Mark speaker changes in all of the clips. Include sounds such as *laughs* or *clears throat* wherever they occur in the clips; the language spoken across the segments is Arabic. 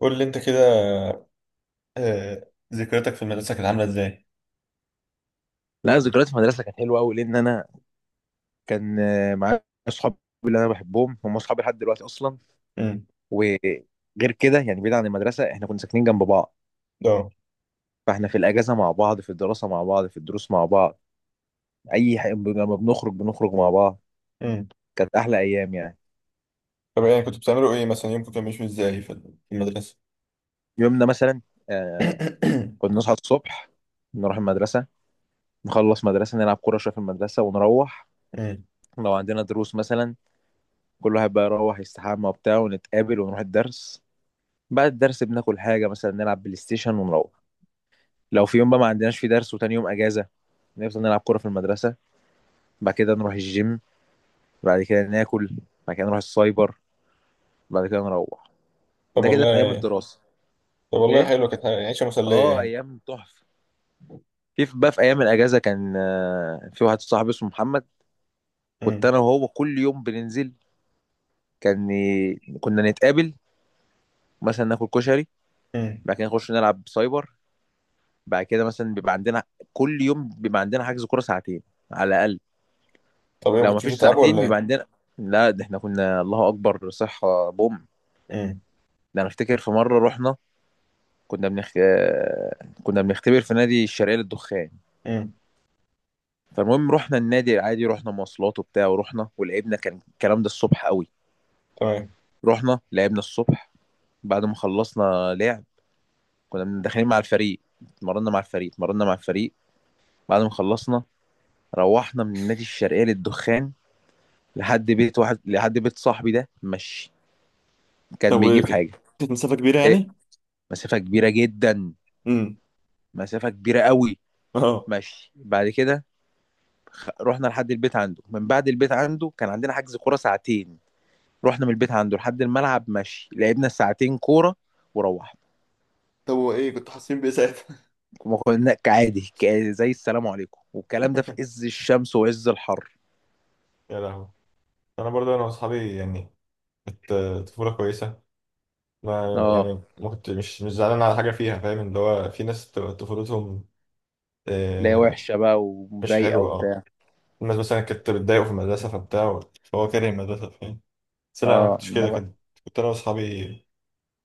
Speaker 1: قول لي انت كده. ذكرياتك في المدرسة كانت عاملة ازاي؟
Speaker 2: لا، ذكريات في المدرسه كانت حلوه قوي لان انا كان معايا اصحابي اللي انا بحبهم. هم اصحابي لحد دلوقتي اصلا.
Speaker 1: امم.
Speaker 2: وغير كده يعني بعيد عن المدرسه، احنا كنا ساكنين جنب بعض.
Speaker 1: اه.
Speaker 2: فاحنا في الاجازه مع بعض، في الدراسه مع بعض، في الدروس مع بعض. اي حاجه لما بنخرج بنخرج مع بعض.
Speaker 1: امم.
Speaker 2: كانت احلى ايام يعني.
Speaker 1: طب يعني كنتوا بتعملوا ايه مثلا؟ يومكم كان ماشي ازاي في المدرسة؟
Speaker 2: يومنا مثلا آه،
Speaker 1: *coughs*
Speaker 2: كنا نصحى الصبح، نروح المدرسه، نخلص مدرسه، نلعب كوره شويه في المدرسه ونروح.
Speaker 1: امم.
Speaker 2: لو عندنا دروس مثلا، كل واحد بقى يروح يستحمى وبتاع ونتقابل ونروح الدرس. بعد الدرس بناكل حاجة، مثلا نلعب بلاي ستيشن ونروح. لو في يوم بقى ما عندناش في درس وتاني يوم أجازة، نفضل نلعب كورة في المدرسة. بعد كده نروح الجيم، بعد كده ناكل، بعد كده نروح السايبر، بعد كده نروح.
Speaker 1: طب
Speaker 2: ده كده في أيام
Speaker 1: والله
Speaker 2: الدراسة.
Speaker 1: طب والله،
Speaker 2: إيه؟
Speaker 1: حلوة كانت عيشة مسلية
Speaker 2: آه،
Speaker 1: يعني.
Speaker 2: أيام تحفة. بقى في أيام الأجازة كان في واحد صاحبي اسمه محمد. كنت
Speaker 1: امم.
Speaker 2: أنا وهو كل يوم بننزل. كنا نتقابل، مثلا ناكل كشري،
Speaker 1: امم.
Speaker 2: بعد كده نخش نلعب سايبر، بعد كده مثلا بيبقى عندنا، كل يوم بيبقى عندنا حجز كورة ساعتين على الأقل.
Speaker 1: طب ايه، ما
Speaker 2: لو ما
Speaker 1: كنتش
Speaker 2: فيش
Speaker 1: بتتعبوا
Speaker 2: ساعتين
Speaker 1: ولا
Speaker 2: بيبقى
Speaker 1: ايه؟
Speaker 2: عندنا. لا ده احنا كنا الله اكبر صحة بوم.
Speaker 1: امم.
Speaker 2: ده انا افتكر في مرة رحنا، كنا بنختبر في نادي الشرقية للدخان.
Speaker 1: امم.
Speaker 2: فالمهم رحنا النادي العادي، رحنا مواصلات وبتاع ورحنا ولعبنا. كان الكلام ده الصبح قوي.
Speaker 1: تمام.
Speaker 2: رحنا لعبنا الصبح، بعد ما خلصنا لعب كنا داخلين مع الفريق، اتمرنا مع الفريق. بعد ما خلصنا روحنا من النادي الشرقية للدخان لحد بيت واحد، لحد بيت صاحبي ده، مشي.
Speaker 1: طب
Speaker 2: كان
Speaker 1: وايه
Speaker 2: بيجيب
Speaker 1: كده؟
Speaker 2: حاجة.
Speaker 1: كانت مسافة كبيرة
Speaker 2: ايه،
Speaker 1: يعني؟
Speaker 2: مسافة كبيرة جدا،
Speaker 1: امم.
Speaker 2: مسافة كبيرة قوي.
Speaker 1: *laughs* اه.
Speaker 2: ماشي بعد كده، رحنا لحد البيت عنده. من بعد البيت عنده كان عندنا حجز كورة ساعتين. رحنا من البيت عنده لحد الملعب ماشي، لعبنا ساعتين كورة وروحنا.
Speaker 1: طب وايه كنتوا حاسين بإيه ساعتها؟
Speaker 2: ما كنا كعادي زي السلام عليكم، والكلام ده في
Speaker 1: *laughs*
Speaker 2: عز الشمس وعز الحر.
Speaker 1: يا لهوي. انا برضه، انا واصحابي يعني كانت طفولة كويسة. ما
Speaker 2: اه.
Speaker 1: يعني، ما كنت مش زعلان على حاجة فيها. فاهم اللي هو في ناس بتبقى طفولتهم
Speaker 2: لا،
Speaker 1: آه،
Speaker 2: وحشة بقى
Speaker 1: مش
Speaker 2: ومضايقة
Speaker 1: حلوة. اه
Speaker 2: وبتاع.
Speaker 1: الناس مثلا كانت بتضايقه في المدرسة فبتاع، فهو كاره المدرسة. فاهم، بس لا، أنا ما
Speaker 2: اه،
Speaker 1: كنتش كده.
Speaker 2: انما
Speaker 1: كنت أنا وأصحابي،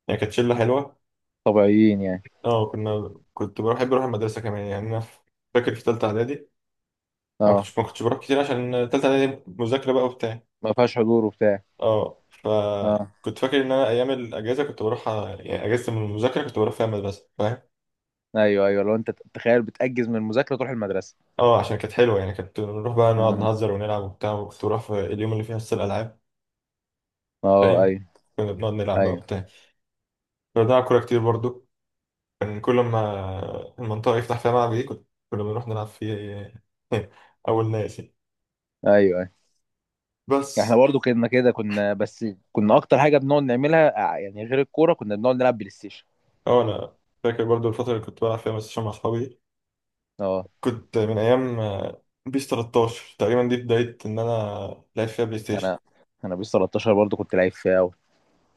Speaker 1: يعني كانت شلة حلوة.
Speaker 2: طبيعيين يعني.
Speaker 1: اه كنا، كنت بروح، بحب أروح المدرسة كمان يعني. أنا فاكر في تالتة إعدادي ما
Speaker 2: اه،
Speaker 1: كنتش ما كنتش بروح كتير عشان تالتة إعدادي مذاكرة بقى وبتاع.
Speaker 2: ما فيهاش حضور وبتاع.
Speaker 1: اه
Speaker 2: اه
Speaker 1: فكنت فاكر إن أنا أيام الأجازة كنت بروح، يعني أجازة من المذاكرة كنت بروح فيها المدرسة. فاهم،
Speaker 2: ايوه، ايوه لو انت تخيل بتأجز من المذاكرة تروح المدرسة.
Speaker 1: اه عشان كانت حلوه يعني. كانت نروح بقى نقعد
Speaker 2: مم.
Speaker 1: نهزر ونلعب وبتاع، وكنت بروح في اليوم اللي فيه حصه الالعاب.
Speaker 2: اه
Speaker 1: فاهم،
Speaker 2: ايوه.
Speaker 1: كنا بنقعد نلعب بقى
Speaker 2: ايوه
Speaker 1: وبتاع. كنا بنلعب كوره كتير برضو. كان كل ما المنطقه يفتح فيها ملعب ايه، كنا بنروح نلعب فيه. *laughs* اول ناس يعني.
Speaker 2: ايوه. احنا
Speaker 1: بس
Speaker 2: برضو كنا كده، كنا بس كنا اكتر حاجه بنقعد نعملها يعني غير الكوره كنا بنقعد نلعب بلاي ستيشن.
Speaker 1: اه انا فاكر برضو الفتره اللي كنت بلعب فيها بلاي ستيشن مع اصحابي.
Speaker 2: اه
Speaker 1: كنت من ايام بيس 13 تقريبا، دي بدايه ان انا لعبت فيها بلاي ستيشن.
Speaker 2: انا انا بيس 13 برضو كنت لعيب فيها قوي.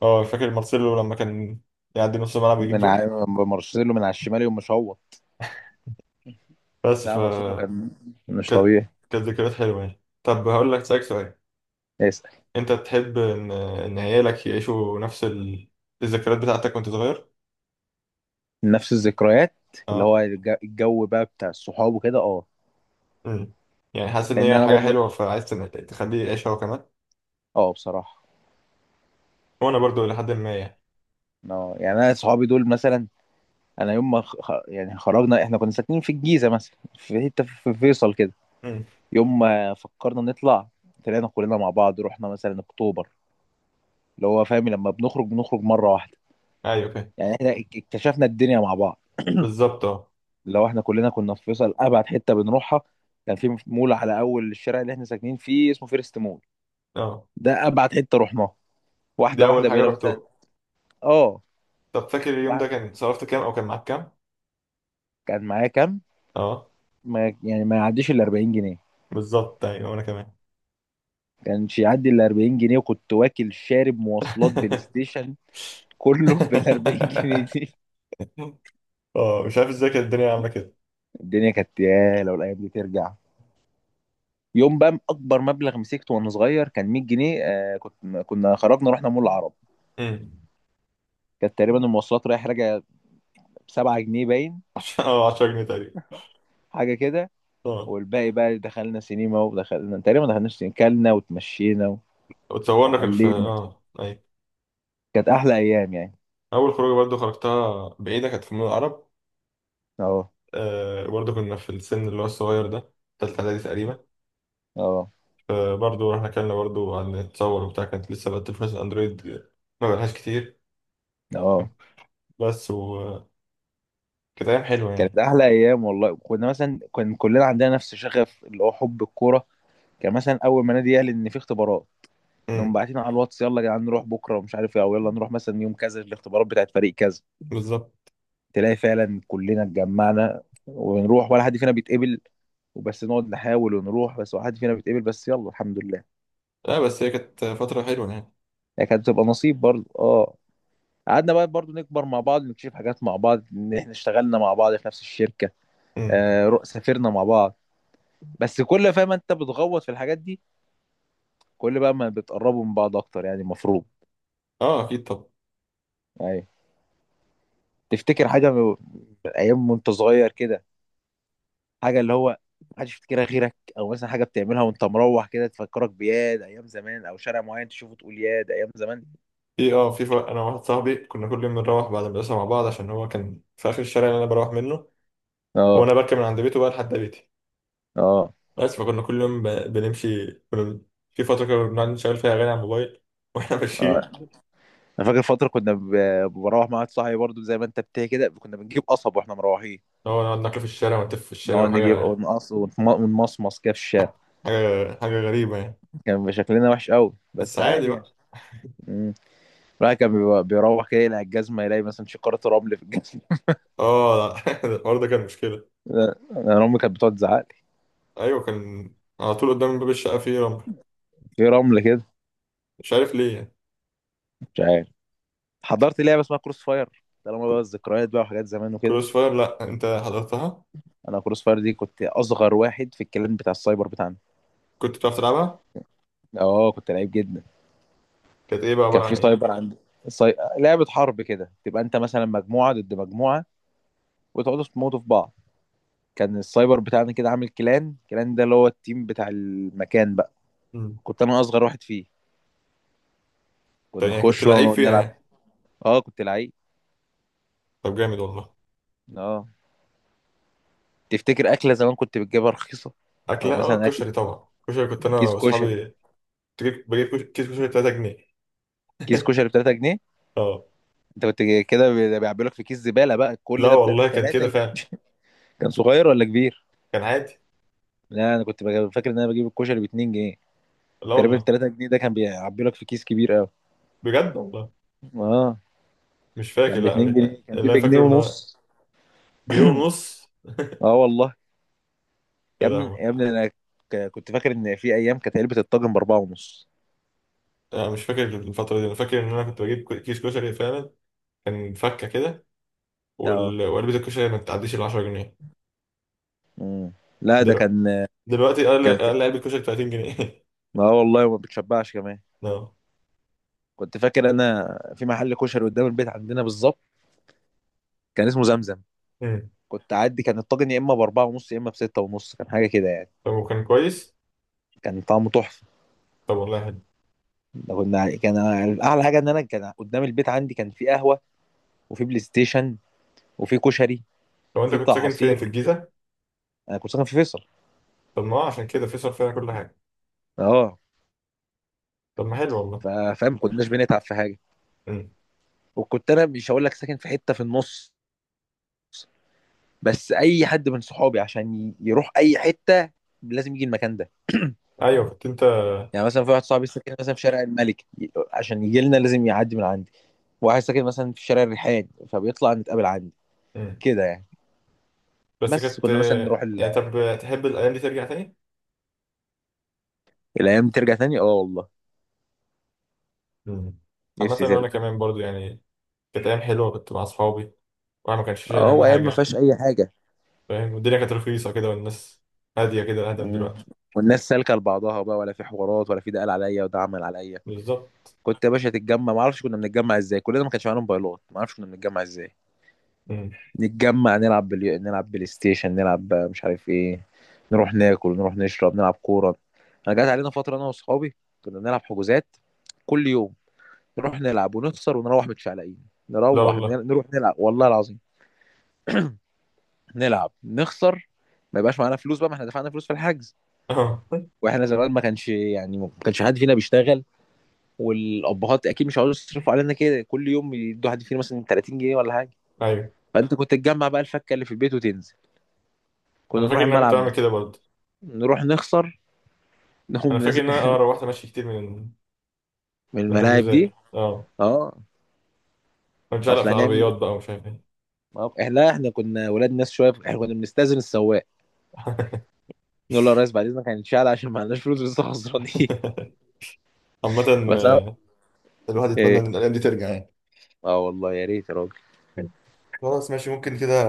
Speaker 1: اه فاكر مارسيلو لما كان يعدي نص الملعب يجيب جول.
Speaker 2: مارسيلو من على الشمال يوم، مش هو؟
Speaker 1: بس ف
Speaker 2: لا مارسيلو كان مش
Speaker 1: كانت
Speaker 2: طبيعي.
Speaker 1: كانت ذكريات حلوة يعني. طب هقول لك، سألك سؤال:
Speaker 2: اسال.
Speaker 1: انت تحب ان عيالك يعيشوا نفس الذكريات بتاعتك وانت صغير؟
Speaker 2: نفس الذكريات، اللي
Speaker 1: اه.
Speaker 2: هو الجو بقى بتاع الصحاب وكده، اه.
Speaker 1: امم. يعني حاسس ان
Speaker 2: لان
Speaker 1: هي
Speaker 2: انا
Speaker 1: حاجة
Speaker 2: برضو،
Speaker 1: حلوة فعايز تخليه يعيشها هو كمان؟
Speaker 2: اه بصراحه.
Speaker 1: وانا برضو لحد ما يعني.
Speaker 2: اه يعني انا صحابي دول مثلا، انا يوم ما يعني خرجنا، احنا كنا ساكنين في الجيزه مثلا في حته في فيصل كده.
Speaker 1: امم.
Speaker 2: يوم ما فكرنا نطلع، طلعنا كلنا مع بعض، رحنا مثلا اكتوبر. اللي هو فاهم لما بنخرج بنخرج مره واحده،
Speaker 1: ايوه فاهم.
Speaker 2: يعني احنا اكتشفنا الدنيا مع بعض.
Speaker 1: بالظبط. اه.
Speaker 2: لو احنا كلنا كنا في فيصل، ابعد حته بنروحها كان في مول على اول الشارع اللي احنا ساكنين فيه اسمه فيرست مول.
Speaker 1: اه.
Speaker 2: ده ابعد حته رحناها.
Speaker 1: دي
Speaker 2: واحده
Speaker 1: اول
Speaker 2: واحده
Speaker 1: حاجة
Speaker 2: بقينا مثلا.
Speaker 1: رحتوها؟
Speaker 2: اه.
Speaker 1: طب فاكر اليوم ده
Speaker 2: واحد-
Speaker 1: كان صرفت كام، او كان معاك كام؟
Speaker 2: كان معايا كام؟
Speaker 1: اه
Speaker 2: ما يعني، ما يعديش ال 40 جنيه.
Speaker 1: بالظبط، ايوه، وانا كمان.
Speaker 2: كانش يعدي ال 40 جنيه، وكنت واكل شارب مواصلات بلاي
Speaker 1: *laughs*
Speaker 2: ستيشن، كله *laughs* بال 40 جنيه دي.
Speaker 1: اه مش عارف ازاي كانت الدنيا عاملة كده.
Speaker 2: الدنيا كانت، يا لو الايام دي ترجع. يوم بقى اكبر مبلغ مسكته وانا صغير كان 100 جنيه. آه، كنت كنا خرجنا رحنا مول العرب.
Speaker 1: امم.
Speaker 2: كانت تقريبا المواصلات رايح راجع ب 7 جنيه باين،
Speaker 1: *laughs* اه 10 جنيه تقريبا.
Speaker 2: حاجه كده.
Speaker 1: اه
Speaker 2: والباقي بقى دخلنا سينما، ودخلنا تقريبا، ما دخلناش سينما كلنا وتمشينا
Speaker 1: اتصورنا. كان في
Speaker 2: وحلينا.
Speaker 1: اي،
Speaker 2: كانت احلى ايام يعني.
Speaker 1: اول خروجه برضو خرجتها بعيده، كانت في مول العرب.
Speaker 2: اه
Speaker 1: برضو كنا في السن اللي هو الصغير ده، تالتة اعدادي تقريبا.
Speaker 2: اه
Speaker 1: فبرضو رحنا كلنا برضو عن نتصور وبتاع. كانت لسه بقى تليفونات اندرويد ما بقالهاش كتير
Speaker 2: اه،
Speaker 1: بس، وكانت ايام حلوه يعني.
Speaker 2: كانت احلى ايام والله. كنا مثلا كان كلنا عندنا نفس شغف اللي هو حب الكوره. كان مثلا اول ما نادي يعلن ان في اختبارات، نقوم
Speaker 1: امم.
Speaker 2: باعتين على الواتس يلا يا جدعان نروح بكره ومش عارف ايه، او يلا نروح مثلا يوم كذا الاختبارات بتاعت فريق كذا.
Speaker 1: بالظبط.
Speaker 2: تلاقي فعلا كلنا اتجمعنا ونروح ولا حد فينا بيتقبل، وبس نقعد نحاول ونروح بس ولا حد فينا بيتقبل، بس يلا الحمد لله.
Speaker 1: لا بس هي كانت فتره حلوه يعني.
Speaker 2: هي كانت بتبقى نصيب برضه، اه. قعدنا بقى برضه نكبر مع بعض، نكتشف حاجات مع بعض، ان احنا اشتغلنا مع بعض في نفس الشركة،
Speaker 1: امم.
Speaker 2: سافرنا مع بعض. بس كل، فاهم انت بتغوط في الحاجات دي، كل بقى ما بتقربوا من بعض اكتر يعني المفروض.
Speaker 1: اه اكيد. طب
Speaker 2: ايوه. تفتكر حاجة من، من ايام وانت صغير كده، حاجه اللي هو محدش يفتكرها غيرك، او مثلا حاجه بتعملها وانت مروح كده تفكرك بياد ايام زمان، او شارع معين تشوفه تقول ياد ايام زمان؟
Speaker 1: في اه في ف... انا وواحد صاحبي كنا كل يوم بنروح بعد المدرسه مع بعض، عشان هو كان في اخر الشارع اللي انا بروح منه.
Speaker 2: اه
Speaker 1: وانا بركب من عند بيته بقى لحد بيتي،
Speaker 2: اه.
Speaker 1: بس. فكنا كل يوم بنمشي. في فترة كنا بنقعد نشغل فيها أغاني على الموبايل *laughs* وإحنا
Speaker 2: اه
Speaker 1: ماشيين.
Speaker 2: انا فاكر فتره كنا بروح مع واحد صاحبي برضو، زي ما انت بتحكي كده كنا بنجيب قصب واحنا مروحين.
Speaker 1: هو نقعد ناكل في الشارع ونتف في الشارع،
Speaker 2: نقعد نجيب
Speaker 1: وحاجة
Speaker 2: ونقص ونمصمص كده في الشارع.
Speaker 1: حاجة حاجة غريبة يعني.
Speaker 2: كان بيبقى شكلنا وحش قوي،
Speaker 1: بس
Speaker 2: بس
Speaker 1: عادي
Speaker 2: عادي يعني.
Speaker 1: بقى.
Speaker 2: امم. بيروح كده يلاقي الجزمه، يلاقي مثلا شقاره رمل في الجزمه.
Speaker 1: اه *laughs* الحوار ده كان مشكلة.
Speaker 2: *laughs* انا امي كانت بتقعد تزعق لي.
Speaker 1: أيوة كان على طول قدام باب الشقة فيه رمل،
Speaker 2: في رمل كده.
Speaker 1: مش عارف ليه يعني.
Speaker 2: مش عارف. حضرت لعبه اسمها كروس فاير. طالما بقى الذكريات بقى وحاجات زمان وكده،
Speaker 1: كروس فاير؟ لأ أنت حضرتها.
Speaker 2: انا كروس فاير دي كنت اصغر واحد في الكلان بتاع السايبر بتاعنا.
Speaker 1: كنت بتعرف تلعبها؟
Speaker 2: اه كنت لعيب جدا.
Speaker 1: كانت إيه بقى،
Speaker 2: كان
Speaker 1: عبارة عن
Speaker 2: في
Speaker 1: إيه؟
Speaker 2: سايبر عند، لعبه حرب كده، تبقى انت مثلا مجموعه ضد مجموعه وتقعدوا تموتوا في بعض. كان السايبر بتاعنا كده عامل كلان، الكلان ده اللي هو التيم بتاع المكان بقى.
Speaker 1: مم.
Speaker 2: كنت انا اصغر واحد فيه.
Speaker 1: طيب
Speaker 2: كنا
Speaker 1: يعني كنت
Speaker 2: نخش بقى
Speaker 1: لعيب
Speaker 2: ونقعد
Speaker 1: فيها
Speaker 2: نلعب.
Speaker 1: يعني؟
Speaker 2: اه كنت لعيب.
Speaker 1: طب جامد والله.
Speaker 2: اه. تفتكر اكله زمان كنت بتجيبها رخيصه؟ او
Speaker 1: أكلة
Speaker 2: مثلا اكل
Speaker 1: كشري، طبعا. كشري كنت أنا
Speaker 2: كيس كشري.
Speaker 1: وأصحابي بجيب كيس كشري 3 جنيه.
Speaker 2: كيس
Speaker 1: *laughs*
Speaker 2: كشري ب 3 جنيه.
Speaker 1: اه.
Speaker 2: انت كنت كده بيعبي لك في كيس زباله بقى
Speaker 1: لا
Speaker 2: كل ده
Speaker 1: والله كان
Speaker 2: 3
Speaker 1: كده
Speaker 2: جنيه
Speaker 1: فعلا.
Speaker 2: كان صغير ولا كبير؟
Speaker 1: كان عادي.
Speaker 2: لا انا كنت فاكر ان انا بجيب الكشري ب 2 جنيه.
Speaker 1: لا
Speaker 2: تقريبا ال
Speaker 1: والله.
Speaker 2: 3 جنيه ده كان بيعبي لك في كيس كبير قوي.
Speaker 1: بجد والله.
Speaker 2: اه.
Speaker 1: مش فاكر
Speaker 2: كان ب
Speaker 1: لا.
Speaker 2: 2 جنيه، كان في
Speaker 1: اللي انا
Speaker 2: بجنيه
Speaker 1: فاكره ان هو
Speaker 2: ونص.
Speaker 1: جنيه
Speaker 2: *clears throat*
Speaker 1: ونص.
Speaker 2: اه والله. يا
Speaker 1: يا
Speaker 2: ابني
Speaker 1: لهوي.
Speaker 2: يا ابني انا، كنت فاكر ان في ايام كانت علبه الطاجن باربعه ونص.
Speaker 1: انا مش فاكر الفتره دي. انا فاكر ان انا كنت بجيب كيس كشري فعلا. كان فكه كده.
Speaker 2: اه.
Speaker 1: وعلبه الكشري ما بتعديش ال 10 جنيه.
Speaker 2: مم. لا ده
Speaker 1: دلوقتي
Speaker 2: كان،
Speaker 1: دلوقتي اقل
Speaker 2: كان في...
Speaker 1: اقل علبه كشري 30 جنيه.
Speaker 2: اه والله ما بتشبعش كمان.
Speaker 1: *laughs* لا.
Speaker 2: كنت فاكر انا في محل كشري قدام البيت عندنا بالظبط، كان اسمه زمزم.
Speaker 1: أمم.
Speaker 2: كنت اعدي كان الطاجن يا اما باربعه ونص يا اما بسته ونص، كان حاجه كده يعني.
Speaker 1: طب وكان كويس؟
Speaker 2: كان طعمه تحفه.
Speaker 1: طب والله حلو.
Speaker 2: ده كنا يعني، كان اعلى حاجه ان انا كان قدام البيت عندي كان في قهوه، وفي بلاي ستيشن، وفي كشري،
Speaker 1: طب انت
Speaker 2: وفي
Speaker 1: كنت
Speaker 2: بتاع
Speaker 1: ساكن فين في
Speaker 2: عصير.
Speaker 1: الجيزه؟
Speaker 2: انا كنت ساكن في فيصل.
Speaker 1: طب ما هو عشان كده في صرف فيها كل حاجه.
Speaker 2: اه.
Speaker 1: طب ما حلو والله.
Speaker 2: ف- فاهم، ما كناش بنتعب في حاجه.
Speaker 1: أمم.
Speaker 2: وكنت انا مش هقول لك ساكن في حته في النص، بس اي حد من صحابي عشان يروح اي حته لازم يجي المكان ده.
Speaker 1: ايوه كنت انت.
Speaker 2: يعني مثلا في واحد صاحبي ساكن مثلا في شارع الملك، عشان يجي لنا لازم يعدي من عندي. واحد ساكن مثلا في شارع الريحان فبيطلع نتقابل عندي.
Speaker 1: أمم.
Speaker 2: كده يعني.
Speaker 1: بس
Speaker 2: بس
Speaker 1: كانت
Speaker 2: كنا مثلا نروح
Speaker 1: يعني،
Speaker 2: ال...
Speaker 1: طب تحب الأيام دي ترجع تاني؟
Speaker 2: الايام دي ترجع تاني، اه والله
Speaker 1: مم. عامة
Speaker 2: نفسي
Speaker 1: وأنا
Speaker 2: ترجع.
Speaker 1: كمان برضو يعني. كانت أيام حلوة، كنت مع أصحابي، وأنا ما كانش شايل
Speaker 2: اه،
Speaker 1: هم
Speaker 2: وايام ما
Speaker 1: حاجة.
Speaker 2: فيهاش اي حاجه.
Speaker 1: فاهم، والدنيا كانت رخيصة كده، والناس هادية كده أهدى من
Speaker 2: مم.
Speaker 1: دلوقتي.
Speaker 2: والناس سالكه لبعضها بقى، ولا في حوارات، ولا في ده قال عليا وده عمل عليا.
Speaker 1: بالظبط.
Speaker 2: كنت يا باشا تتجمع، ما اعرفش كنا بنتجمع ازاي، كلنا ما كانش معانا موبايلات، ما اعرفش كنا بنتجمع ازاي.
Speaker 1: مم.
Speaker 2: نتجمع نلعب بلاي ستيشن، نلعب بقى مش عارف ايه، نروح ناكل، نروح نشرب، نلعب كوره. انا جات علينا فتره انا واصحابي كنا بنلعب حجوزات كل يوم. نروح نلعب ونخسر، ونروح متشعلقين.
Speaker 1: لا
Speaker 2: نروح،
Speaker 1: والله.
Speaker 2: نروح نلعب والله العظيم، نلعب نخسر، ما يبقاش معانا فلوس بقى، ما احنا دفعنا فلوس في الحجز.
Speaker 1: *laughs* أه.
Speaker 2: واحنا زمان ما كانش يعني، ما كانش حد فينا بيشتغل، والابهات اكيد مش عاوزين يصرفوا علينا كده كل يوم، يدوا حد فينا مثلا 30 جنيه ولا حاجه.
Speaker 1: أيوه
Speaker 2: فانت كنت تجمع بقى الفكه اللي في البيت وتنزل.
Speaker 1: أنا
Speaker 2: كنا
Speaker 1: فاكر
Speaker 2: نروح
Speaker 1: إن أنا كنت
Speaker 2: الملعب
Speaker 1: بعمل
Speaker 2: مثلا،
Speaker 1: كده برضه.
Speaker 2: نروح نخسر،
Speaker 1: أنا
Speaker 2: نقوم
Speaker 1: فاكر
Speaker 2: نز-
Speaker 1: إن أنا
Speaker 2: *laughs*
Speaker 1: روحت ماشي كتير من
Speaker 2: من الملاعب
Speaker 1: حجوزات،
Speaker 2: دي،
Speaker 1: أه.
Speaker 2: اه.
Speaker 1: كنت شعلق
Speaker 2: اصل
Speaker 1: في
Speaker 2: هنعمل
Speaker 1: العربيات بقى
Speaker 2: ايه؟
Speaker 1: ومش عارف إيه.
Speaker 2: ما هو- احنا، لا احنا كنا ولاد ناس شويه، احنا كنا بنستاذن السواق نقول له يا ريس بعد اذنك هنتشال، عشان ما عندناش فلوس لسه خسرانين.
Speaker 1: *laughs* عامة
Speaker 2: *laughs* بس
Speaker 1: آه، الواحد يتمنى إن
Speaker 2: ايه،
Speaker 1: الأيام دي ترجع يعني.
Speaker 2: اه والله يا ريت يا راجل.
Speaker 1: خلاص ماشي، ممكن كده.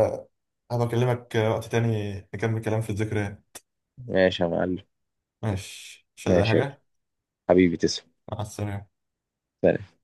Speaker 1: هبقى أكلمك وقت تاني نكمل كلام في الذكريات.
Speaker 2: ماشي يا معلم.
Speaker 1: ماشي، مش عايز أي
Speaker 2: ماشي يا
Speaker 1: حاجة.
Speaker 2: حبيبي، تسلم.
Speaker 1: مع السلامة.
Speaker 2: سلام.